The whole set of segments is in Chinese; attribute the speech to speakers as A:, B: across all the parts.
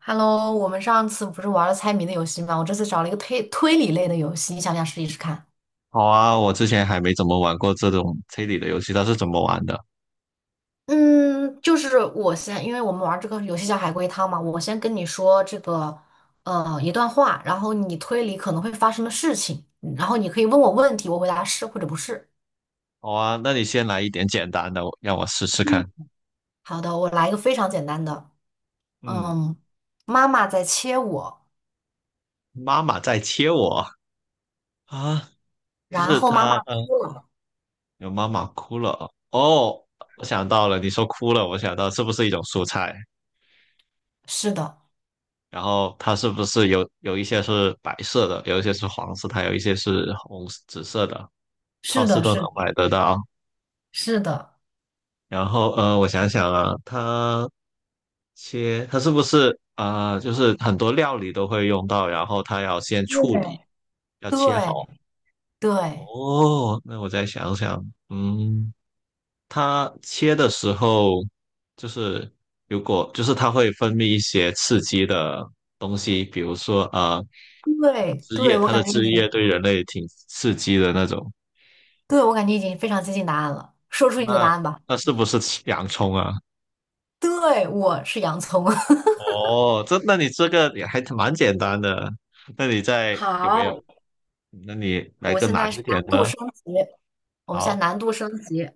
A: Hello，我们上次不是玩了猜谜的游戏吗？我这次找了一个推理类的游戏，你想不想试一试看？
B: 好啊，我之前还没怎么玩过这种推理的游戏，它是怎么玩的？
A: 嗯，就是我先，因为我们玩这个游戏叫海龟汤嘛，我先跟你说这个一段话，然后你推理可能会发生的事情，然后你可以问我问题，我回答是或者不是。
B: 好啊，那你先来一点简单的，让我试试看。
A: 嗯好的，我来一个非常简单的，
B: 嗯，
A: 嗯，妈妈在切我，
B: 妈妈在切我啊，就
A: 然
B: 是
A: 后妈
B: 她，
A: 妈哭了。
B: 有妈妈哭了。哦，我想到了，你说哭了，我想到是不是一种蔬菜？
A: 是的，
B: 然后它是不是有一些是白色的，有一些是黄色，它有一些是红紫色的，超
A: 是
B: 市
A: 的，
B: 都能
A: 是的，
B: 买得到。
A: 是的，
B: 然后，我想想啊，它是不是就是很多料理都会用到，然后它要先处理，
A: 对，
B: 要切好。
A: 对对。
B: 哦，那我再想想，它切的时候，就是如果就是它会分泌一些刺激的东西，比如说
A: 对
B: 汁
A: 对，
B: 液，
A: 我
B: 它的
A: 感觉你，
B: 汁液对人类挺刺激的那种。
A: 对，我感觉已经非常接近答案了。说出你的答
B: 那
A: 案吧。
B: 那是不是洋葱啊？
A: 对，我是洋葱。
B: 哦，这那你这个也还蛮简单的。那你在有没有？
A: 好，
B: 那你来
A: 我
B: 个
A: 现
B: 难
A: 在是
B: 一
A: 难
B: 点
A: 度
B: 的。
A: 升级，我们现在
B: 好，
A: 难度升级。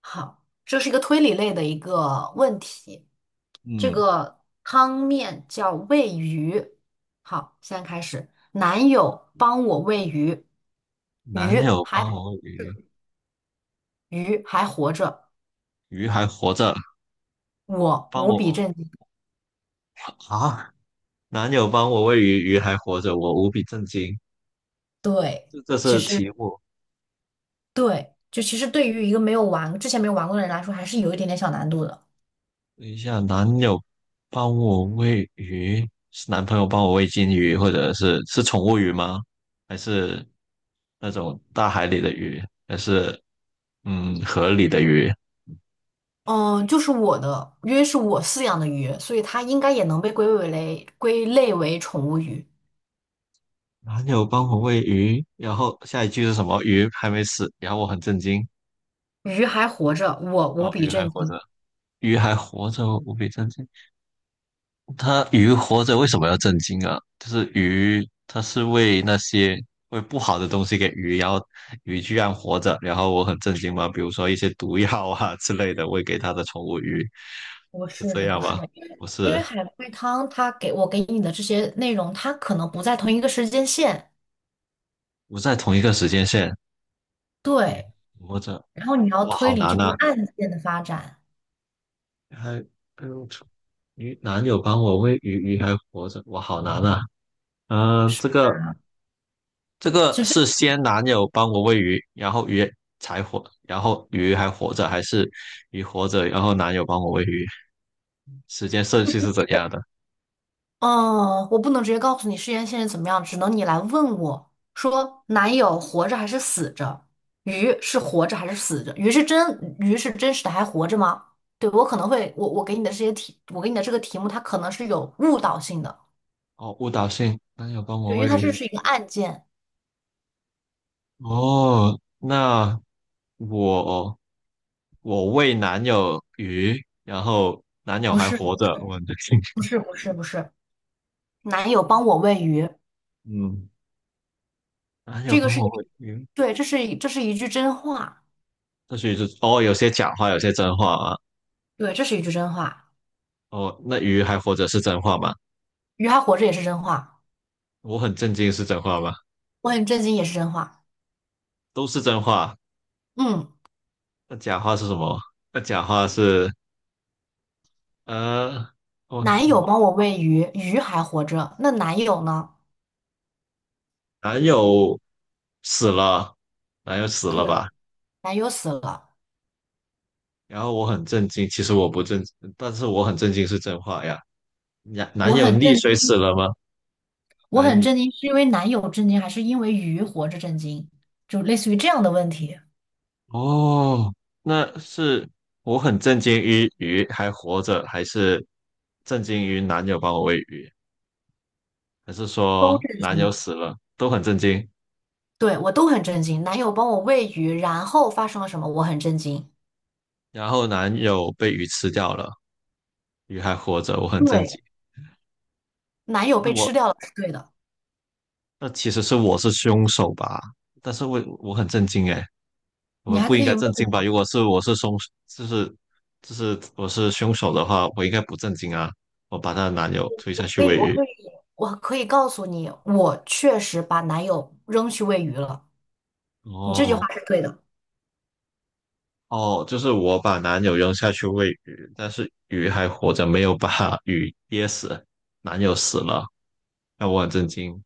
A: 好，这是一个推理类的一个问题。这
B: 嗯，
A: 个汤面叫喂鱼。好，现在开始。男友帮我喂鱼，
B: 男
A: 鱼
B: 友
A: 还
B: 帮我喂鱼，
A: 鱼还活着，
B: 鱼还活着，
A: 我
B: 帮
A: 无比
B: 我
A: 震惊。
B: 啊！男友帮我喂鱼，鱼还活着，我无比震惊。
A: 对。
B: 这这
A: 其
B: 是题
A: 实。
B: 目。
A: 对，就其实对于一个没有玩，之前没有玩过的人来说，还是有一点点小难度的。
B: 等一下，男友帮我喂鱼，是男朋友帮我喂金鱼，或者是宠物鱼吗？还是那种大海里的鱼？还是河里的鱼？
A: 嗯，就是我的约是我饲养的鱼，所以它应该也能被归为类归类为宠物鱼。
B: 男友帮我喂鱼，然后下一句是什么？鱼还没死，然后我很震惊。
A: 鱼还活着，我无
B: 哦，
A: 比
B: 鱼还
A: 震
B: 活
A: 惊。
B: 着，鱼还活着哦，无比震惊。它鱼活着为什么要震惊啊？就是鱼，它是喂那些喂不好的东西给鱼，然后鱼居然活着，然后我很震惊嘛。比如说一些毒药啊 之类的喂给它的宠物鱼，
A: 不
B: 是
A: 是
B: 这
A: 的，不
B: 样
A: 是
B: 吗？
A: 的，因为
B: 不
A: 因为
B: 是，
A: 海龟汤它给你的这些内容，它可能不在同一个时间线，
B: 不在同一个时间线。鱼
A: 对，
B: 活着，
A: 然后你要
B: 哇，
A: 推
B: 好
A: 理这
B: 难
A: 个
B: 啊！
A: 案件的发展。
B: 还，哎呦，男友帮我喂鱼，鱼还活着，哇，好难啊！嗯、这个。
A: 啊，
B: 这个是
A: 这。
B: 先男友帮我喂鱼，然后鱼才活，然后鱼还活着，还是鱼活着，然后男友帮我喂鱼？时间顺序是怎样的？
A: 哦，我不能直接告诉你事件现在怎么样，只能你来问我说，男友活着还是死着？鱼是活着还是死着？鱼是真实的还活着吗？对，我可能会，我给你的这些题，我给你的这个题目，它可能是有误导性的，
B: 哦，误导性，男友帮我
A: 对，因为
B: 喂
A: 它这
B: 鱼。
A: 是一个案件，
B: 哦，那我我喂男友鱼，然后男友
A: 不
B: 还
A: 是
B: 活着，我的天，
A: 不是不是不是，男友帮我喂鱼，
B: 嗯，男友
A: 这个
B: 帮
A: 是一
B: 我
A: 个，
B: 喂鱼，
A: 对，这是一句真话，
B: 或许是哦，有些假话，有些真话啊。
A: 对，这是一句真话，
B: 哦，那鱼还活着是真话吗？
A: 鱼还活着也是真话，
B: 我很震惊，是真话吗？
A: 我很震惊也是真话，
B: 都是真话。
A: 嗯。
B: 那假话是什么？那假话是呃，
A: 男友
B: 我
A: 帮我喂鱼，鱼还活着，那男友呢？
B: 男友死了，男友死了吧？
A: 对，男友死了，
B: 然后我很震惊，其实我不震，但是我很震惊是真话呀。男
A: 我
B: 友
A: 很
B: 溺
A: 震
B: 水死
A: 惊，
B: 了吗？
A: 我
B: 男
A: 很
B: 女，
A: 震惊，是因为男友震惊，还是因为鱼活着震惊？就类似于这样的问题，
B: 哦，那是我很震惊于鱼还活着，还是震惊于男友帮我喂鱼，还是
A: 都
B: 说
A: 震
B: 男友
A: 惊。
B: 死了都很震惊，
A: 对，我都很震惊。男友帮我喂鱼，然后发生了什么？我很震惊。
B: 然后男友被鱼吃掉了，鱼还活着，我很震
A: 对，
B: 惊。
A: 男友
B: 是
A: 被
B: 我
A: 吃掉了是对的，
B: 那其实是我是凶手吧？但是我很震惊诶，
A: 你
B: 我
A: 还
B: 不
A: 可
B: 应
A: 以
B: 该
A: 问
B: 震惊吧？
A: 我，
B: 如果是我是凶，就是就是我是凶手的话，我应该不震惊啊！我把她的男友推
A: 我
B: 下去
A: 可以，
B: 喂
A: 我
B: 鱼。
A: 可以，我可以告诉你，我确实把男友扔去喂鱼了。你这句话
B: 哦
A: 是对的。
B: 哦，就是我把男友扔下去喂鱼，但是鱼还活着，没有把 鱼噎死，男友死了，那我很震惊。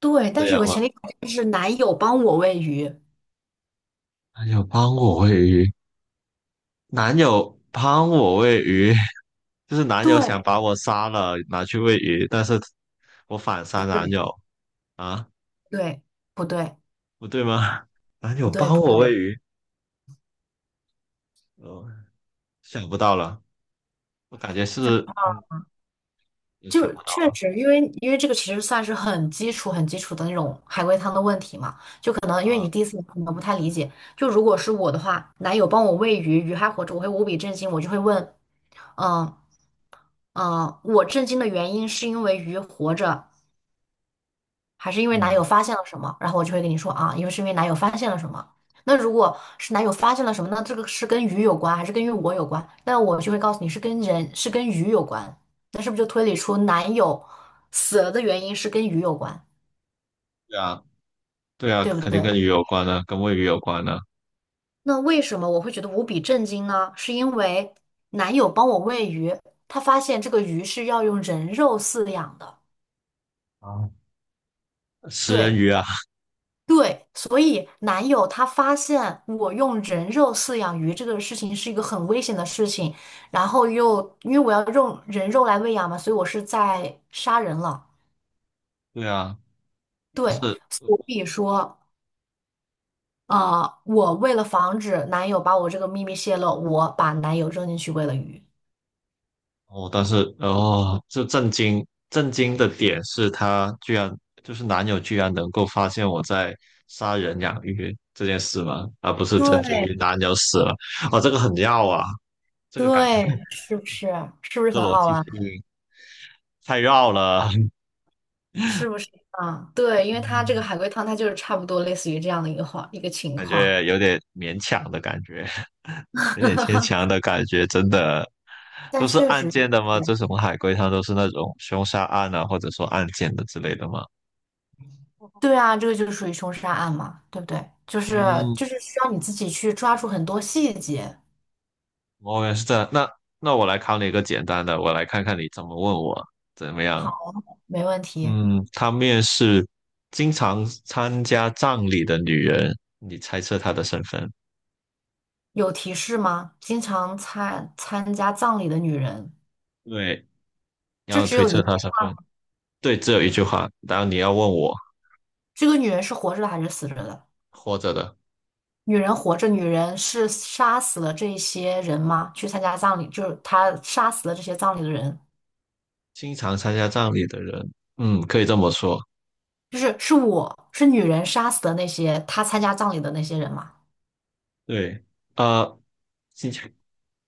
A: 对，
B: 这
A: 但是有
B: 样
A: 个
B: 吗？
A: 前提条件是男友帮我喂鱼。
B: 男友帮我喂鱼，男友帮我喂鱼。就是男友想
A: 对，
B: 把我杀了，拿去喂鱼，但是我反杀
A: 不
B: 男
A: 对？
B: 友啊，
A: 对，不对？
B: 不对吗？男友
A: 不对，
B: 帮
A: 不
B: 我喂
A: 对。
B: 鱼，哦，想不到了，我感觉是，我想
A: 就
B: 不
A: 确
B: 到
A: 实，因为这个其实算是很基础、很基础的那种海龟汤的问题嘛，就可能因为你
B: 了，
A: 第一次你可能不太理解。就如果是我的话，男友帮我喂鱼，鱼还活着，我会无比震惊，我就会问，嗯嗯，我震惊的原因是因为鱼活着，还是因为男友
B: 嗯，
A: 发现了什么？然后我就会跟你说啊，因为男友发现了什么。那如果是男友发现了什么，那这个是跟鱼有关，还是跟于我有关？那我就会告诉你是跟人，是跟鱼有关。那是不是就推理出男友死了的原因是跟鱼有关，
B: 对啊，对啊，
A: 对不
B: 肯定
A: 对？
B: 跟鱼有关的，跟喂鱼有关的
A: 那为什么我会觉得无比震惊呢？是因为男友帮我喂鱼，他发现这个鱼是要用人肉饲养的。
B: 啊，食人
A: 对。
B: 鱼啊，
A: 对，所以男友他发现我用人肉饲养鱼这个事情是一个很危险的事情，然后又因为我要用人肉来喂养嘛，所以我是在杀人了。
B: 对啊，
A: 对，所以说，我为了防止男友把我这个秘密泄露，我把男友扔进去喂了鱼。
B: 哦，但是哦，这震惊震惊的点是他居然男友居然能够发现我在杀人养鱼这件事吗？啊，不是震惊
A: 对
B: 于男友死了。哦，这个很绕啊，这个感觉
A: 对，是不是？是不是
B: 这个
A: 很
B: 逻
A: 好
B: 辑
A: 玩？
B: 性太绕了，
A: 是不是啊？对，因为它这个 海龟汤，它就是差不多类似于这样的一个情
B: 感
A: 况，
B: 觉有点勉强的感觉，有点牵强 的感觉，真的。
A: 但
B: 都是
A: 确
B: 案
A: 实。
B: 件的吗？
A: 是。
B: 这什么海龟汤都是那种凶杀案啊，或者说案件的之类的吗？
A: 对啊，这个就是属于凶杀案嘛，对不对？就是
B: 嗯，
A: 就是需要你自己去抓住很多细节。
B: 我也是这样。那我来考你一个简单的，我来看看你怎么问我怎么样。
A: 好，没问题。
B: 嗯，他面试经常参加葬礼的女人，你猜测她的身份？
A: 有提示吗？经常参加葬礼的女人，
B: 对，你
A: 这
B: 要
A: 只
B: 推
A: 有
B: 测
A: 一，
B: 她身份。对，只有一句话，然后你要问我
A: 这个女人是活着的还是死着的？
B: 活着的，
A: 女人活着，女人是杀死了这些人吗？去参加葬礼，就是她杀死了这些葬礼的人，
B: 经常参加葬礼的人，嗯，可以这么说。
A: 就是我是女人杀死的那些她参加葬礼的那些人吗？
B: 对，呃，经常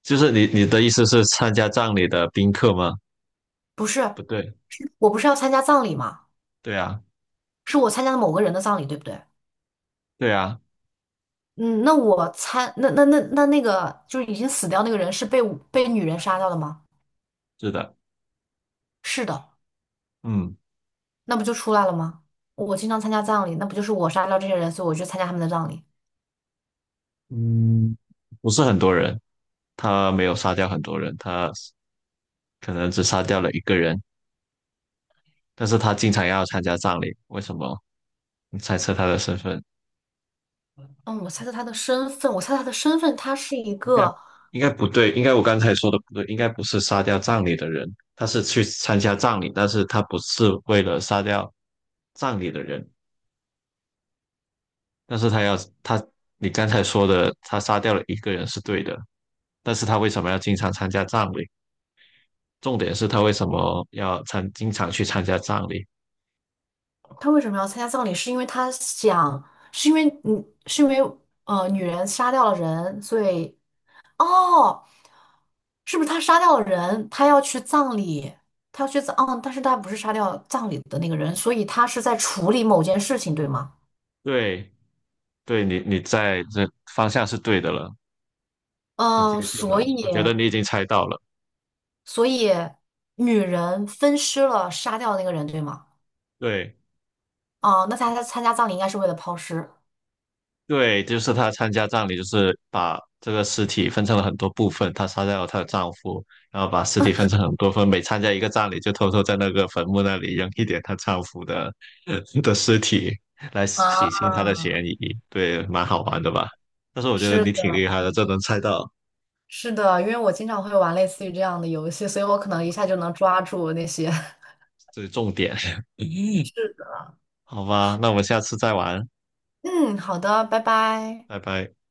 B: 就是你的意思是参加葬礼的宾客吗？
A: 不是，
B: 不对，
A: 是我不是要参加葬礼吗？
B: 对啊，
A: 是我参加了某个人的葬礼，对不对？
B: 对啊，
A: 嗯，那我猜，那个就是已经死掉那个人是被女人杀掉的吗？
B: 是的，
A: 是的，
B: 嗯。
A: 那不就出来了吗？我经常参加葬礼，那不就是我杀掉这些人，所以我去参加他们的葬礼。
B: 嗯，不是很多人，他没有杀掉很多人，他可能只杀掉了一个人，但是他经常要参加葬礼，为什么？你猜测他的身份？
A: 嗯，我猜测他的身份，他是一
B: 应该
A: 个，
B: 应该不对，应该我刚才说的不对，应该不是杀掉葬礼的人，他是去参加葬礼，但是他不是为了杀掉葬礼的人，但是他要他，你刚才说的他杀掉了一个人是对的，但是他为什么要经常参加葬礼？重点是他为什么要参，经常去参加葬礼？
A: 他为什么要参加葬礼？是因为他想，是因为嗯，是因为呃，女人杀掉了人，哦，是不是他杀掉了人？他要去葬礼，他要去葬，嗯，但是他不是杀掉葬礼的那个人，所以他是在处理某件事情，对吗？
B: 对，你在这方向是对的了，很接
A: 嗯，
B: 近
A: 所
B: 了。
A: 以
B: 我觉得你已经猜到了。
A: 所以女人分尸了，杀掉那个人，对吗？
B: 对
A: 哦，那他参加葬礼应该是为了抛尸。
B: 对，就是她参加葬礼，就是把这个尸体分成了很多部分。她杀掉了她的丈夫，然后把尸体分成很多份，每参加一个葬礼，就偷偷在那个坟墓那里扔一点她丈夫的 的尸体，来
A: 啊，
B: 洗清她的嫌疑。对，蛮好玩的吧？但是我觉得
A: 是
B: 你挺
A: 的，
B: 厉害的，这能猜到
A: 是的，因为我经常会玩类似于这样的游戏，所以我可能一下就能抓住那些。
B: 这是重点。嗯，
A: 是的。
B: 好吧，那我们下次再玩，
A: 嗯，好的，拜拜。
B: 拜拜。